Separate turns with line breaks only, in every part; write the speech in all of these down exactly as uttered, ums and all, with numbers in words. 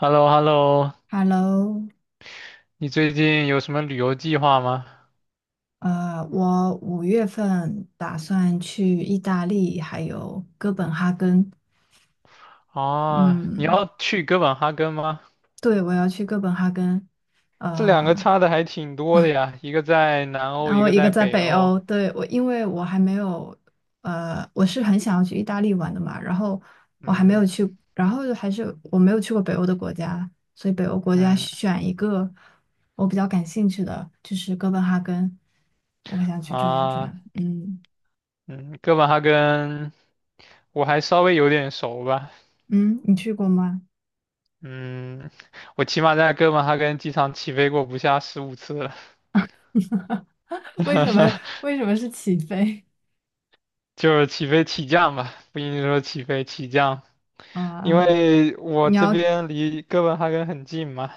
h e l l o h e l l o。
Hello。
你最近有什么旅游计划吗？
呃，我五月份打算去意大利，还有哥本哈根。
啊，你
嗯，
要去哥本哈根吗？
对，我要去哥本哈根。
这两个
呃，
差的还挺多的呀，一个在南欧，
然
一
后
个
一个
在
在
北
北
欧。
欧，对，我，因为我还没有，呃，我是很想要去意大利玩的嘛，然后我还没有
嗯
去，然后还是我没有去过北欧的国家，所以北欧国家
嗯
选一个我比较感兴趣的，就是哥本哈根，我想去转一
啊
转。嗯
嗯，哥本哈根我还稍微有点熟吧。
嗯，你去过吗？
嗯，我起码在哥本哈根机场起飞过不下十五次了，
为什么 为什么是起飞
就是起飞起降吧，不一定说起飞起降，因
啊？
为我
你
这
要
边离哥本哈根很近嘛。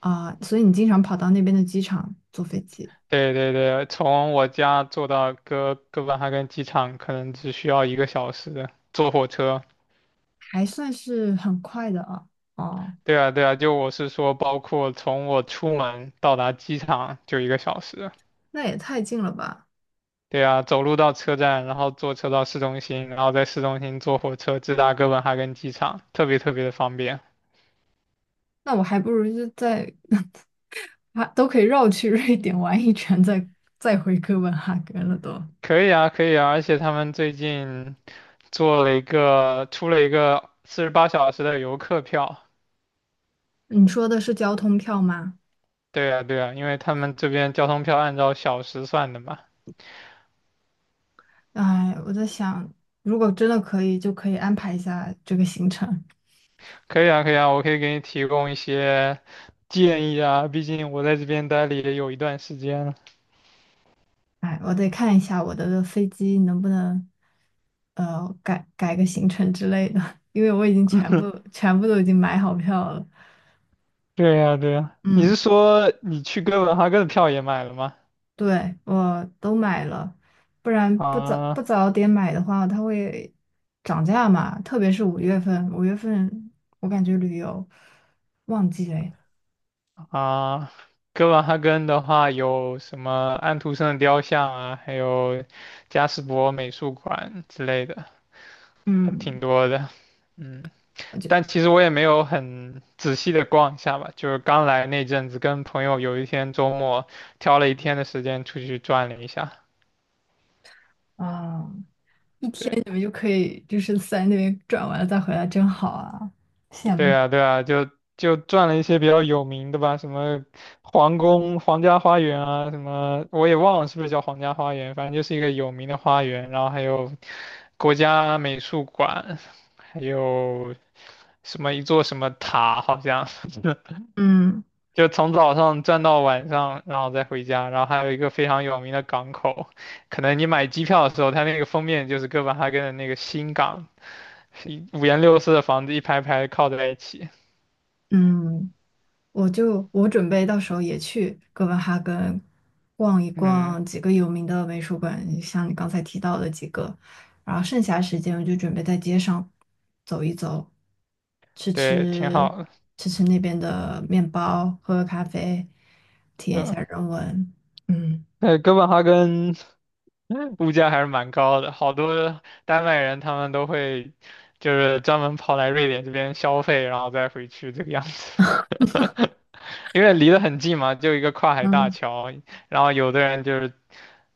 啊，所以你经常跑到那边的机场坐飞机，
对对对，从我家坐到哥哥本哈根机场可能只需要一个小时，坐火车。
还算是很快的啊。哦，
对啊对啊，就我是说，包括从我出门到达机场就一个小时。
那也太近了吧？
对啊，走路到车站，然后坐车到市中心，然后在市中心坐火车直达哥本哈根机场，特别特别的方便。
那我还不如就在 啊，都可以绕去瑞典玩一圈，再再回哥本哈根了都。
可以啊，可以啊，而且他们最近做了一个，出了一个四十八小时的游客票。
你说的是交通票吗？
对啊，对啊，因为他们这边交通票按照小时算的嘛。
哎，我在想，如果真的可以，就可以安排一下这个行程。
可以啊，可以啊，我可以给你提供一些建议啊，毕竟我在这边待了也有一段时间了。
哎，我得看一下我的飞机能不能，呃，改改个行程之类的，因为我已经全部全部都已经买好票了。
对呀，对呀，你是
嗯，
说你去哥本哈根的票也买了吗？
对，我都买了，不然不早不
啊
早点买的话，它会涨价嘛。特别是五月份，五月份我感觉旅游旺季嘞。
啊，哥本哈根的话有什么安徒生的雕像啊，还有加斯伯美术馆之类的，还挺
嗯，
多的。嗯，
我就
但其实我也没有很仔细的逛一下吧，就是刚来那阵子，跟朋友有一天周末挑了一天的时间出去转了一下。
啊，一天
对
你们就可以就是在那边转完了再回来，真好啊，羡
对
慕。
啊，对啊，就就转了一些比较有名的吧，什么皇宫、皇家花园啊，什么我也忘了是不是叫皇家花园，反正就是一个有名的花园，然后还有国家美术馆，还有什么一座什么塔，好像
嗯，
就从早上转到晚上，然后再回家，然后还有一个非常有名的港口，可能你买机票的时候，它那个封面就是哥本哈根的那个新港，是一五颜六色的房子一排排靠在一起。
嗯，我就我准备到时候也去哥本哈根逛一
嗯，
逛几个有名的美术馆，像你刚才提到的几个，然后剩下时间我就准备在街上走一走，吃
对，挺
吃
好的。
吃吃那边的面包，喝喝咖啡，体验一
对，
下人文。嗯
那哥本哈根 物价还是蛮高的，好多丹麦人他们都会就是专门跑来瑞典这边消费，然后再回去这个样 因为离得很近嘛，就一个跨海大
嗯
桥，然后有的人就是，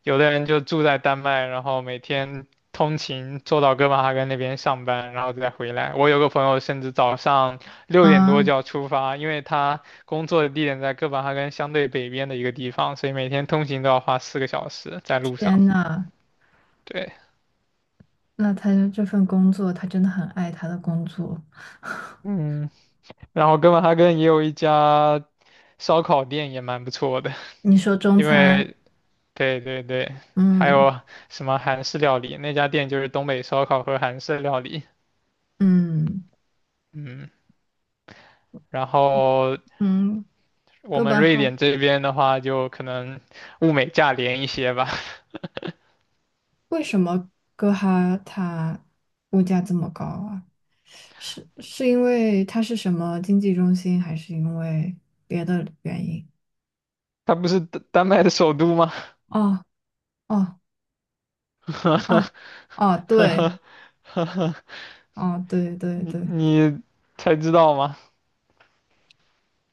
有的人就住在丹麦，然后每天通勤坐到哥本哈根那边上班，然后再回来。我有个朋友甚至早上六点多
嗯，
就要出发，因为他工作的地点在哥本哈根相对北边的一个地方，所以每天通勤都要花四个小时在路上。
天呐，
对，
那他这份工作，他真的很爱他的工作。
嗯，然后哥本哈根也有一家烧烤店，也蛮不错的，
你说中
因
餐，
为对对对，还
嗯
有什么韩式料理？那家店就是东北烧烤和韩式料理。
嗯
嗯，然后
嗯，
我
哥
们
本
瑞
哈
典这边的话，就可能物美价廉一些吧。
为什么哥哈它物价这么高啊？是是因为它是什么经济中心，还是因为别的原因？
它不是丹丹麦的首都吗？
哦哦哦 哦，对，哦对对
你
对，
你才知道吗？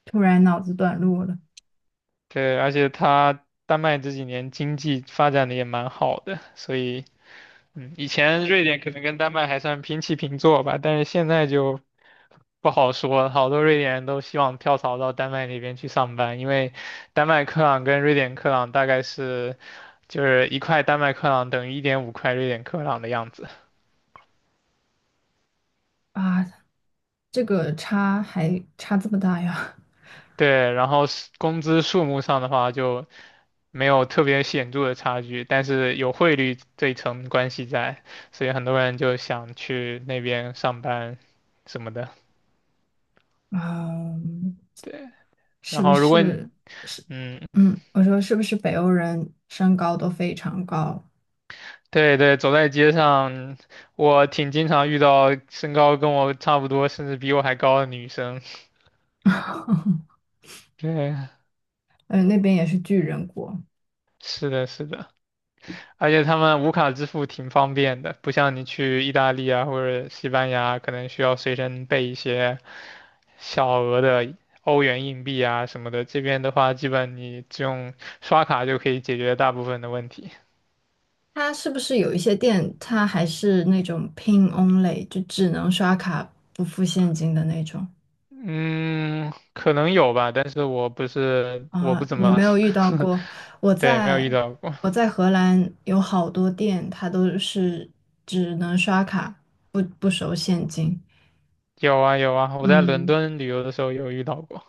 突然脑子短路了。
对，而且它丹麦这几年经济发展的也蛮好的，所以嗯，以前瑞典可能跟丹麦还算平起平坐吧，但是现在就不好说，好多瑞典人都希望跳槽到丹麦那边去上班，因为丹麦克朗跟瑞典克朗大概是就是一块丹麦克朗等于一点五块瑞典克朗的样子。
啊！这个差还差这么大呀？
对，然后是工资数目上的话就没有特别显著的差距，但是有汇率这一层关系在，所以很多人就想去那边上班什么的。
嗯，
对，然
是不
后如果你
是是？
嗯，
嗯，我说是不是北欧人身高都非常高？
对对，走在街上，我挺经常遇到身高跟我差不多，甚至比我还高的女生。对，
嗯，那边也是巨人国。
是的，是的，而且他们无卡支付挺方便的，不像你去意大利啊或者西班牙，可能需要随身备一些小额的欧元硬币啊什么的。这边的话，基本你只用刷卡就可以解决大部分的问题。
它是不是有一些店，它还是那种 PIN only,就只能刷卡不付现金的那种？
嗯，可能有吧，但是我不是，我
啊？
不怎
你没
么
有遇到过？我
对，没有
在
遇到过。
我在荷兰有好多店，它都是只能刷卡，不不收现金。
有啊有啊，我在伦
嗯，
敦旅游的时候有遇到过。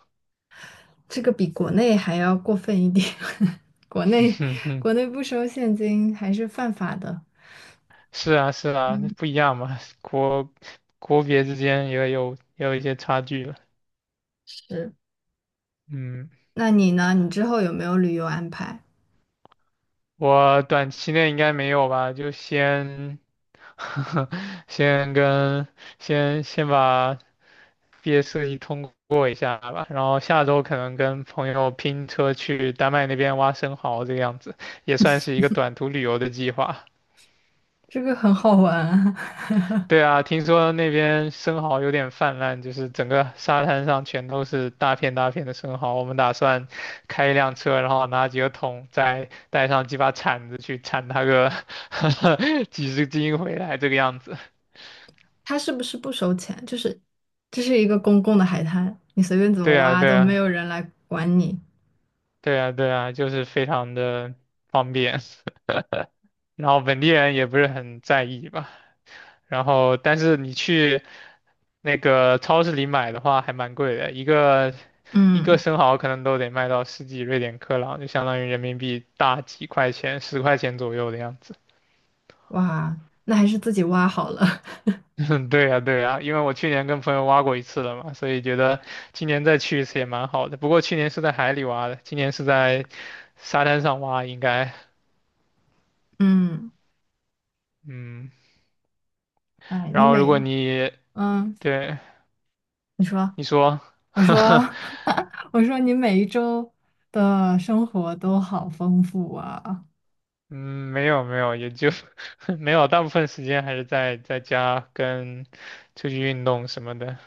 这个比国内还要过分一点。国 内
哼哼，
国内不收现金还是犯法的。
是啊是啊，
嗯，
不一样嘛，国国别之间也有也有一些差距了。
是。
嗯，
那你呢？你之后有没有旅游安排？
我短期内应该没有吧，就先 先跟先先把毕业设计通过一下吧，然后下周可能跟朋友拼车去丹麦那边挖生蚝，这个样子也算是一个短途旅游的计划。
这个很好玩啊。
对 啊，听说那边生蚝有点泛滥，就是整个沙滩上全都是大片大片的生蚝。我们打算开一辆车，然后拿几个桶，再带上几把铲子去铲它个 几十斤回来，这个样子。
他是不是不收钱？就是这是一个公共的海滩，你随便怎么
对啊，
挖
对
都没
啊，
有人来管你。
对啊，对啊，就是非常的方便。然后本地人也不是很在意吧，然后但是你去那个超市里买的话，还蛮贵的，一个一个
嗯，
生蚝可能都得卖到十几瑞典克朗，就相当于人民币大几块钱，十块钱左右的样子。
哇，那还是自己挖好了。
对呀，对呀，因为我去年跟朋友挖过一次了嘛，所以觉得今年再去一次也蛮好的。不过去年是在海里挖的，今年是在沙滩上挖，应该，
嗯，
嗯。
哎，
然
你
后如果
每
你
嗯，
对
你说，
你说，
我说，我说你每一周的生活都好丰富啊。
嗯，没有没有，也就 没有，大部分时间还是在在家跟出去运动什么的。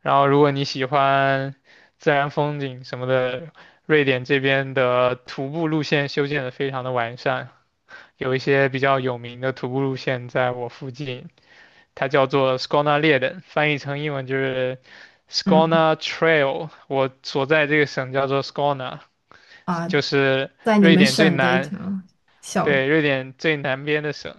然后，如果你喜欢自然风景什么的，瑞典这边的徒步路线修建的非常的完善，有一些比较有名的徒步路线在我附近，它叫做 Skonaleden，翻译成英文就是
嗯，
Skåne Trail。我所在这个省叫做 Skåne，
啊，
就是
在你
瑞
们
典最
省的一
南，
条小，
对，瑞典最南边的省。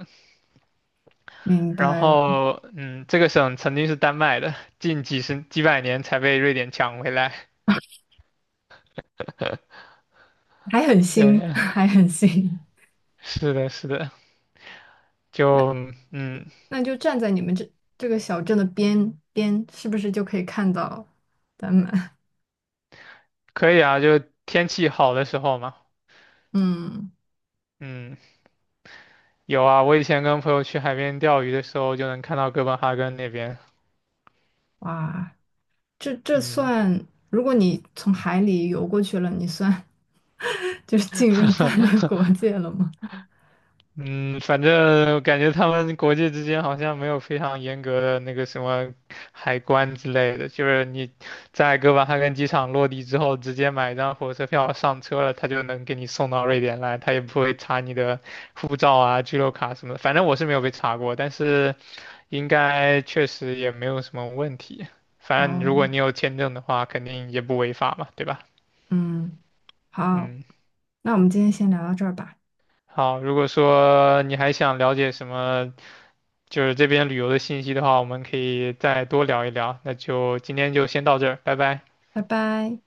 明
然
白了，
后，嗯，这个省曾经是丹麦的，近几十几百年才被瑞典抢回来。
还很 新，
对，
还很新。
是的，是的，就嗯，
那就站在你们这这个小镇的边边，是不是就可以看到丹麦？
可以啊，就天气好的时候嘛。
嗯，
嗯，有啊，我以前跟朋友去海边钓鱼的时候，就能看到哥本哈根那边。
哇，这这
嗯，
算，如果你从海里游过去了，你算 就是进入丹麦国 界了吗？
嗯，反正感觉他们国际之间好像没有非常严格的那个什么海关之类的，就是你在哥本哈根机场落地之后，直接买一张火车票上车了，他就能给你送到瑞典来，他也不会查你的护照啊、居留卡什么的。反正我是没有被查过，但是应该确实也没有什么问题。反正如果
哦，
你有签证的话，肯定也不违法嘛，对吧？
嗯，好，
嗯。
那我们今天先聊到这儿吧，
好，如果说你还想了解什么，就是这边旅游的信息的话，我们可以再多聊一聊。那就今天就先到这儿，拜拜。
拜拜。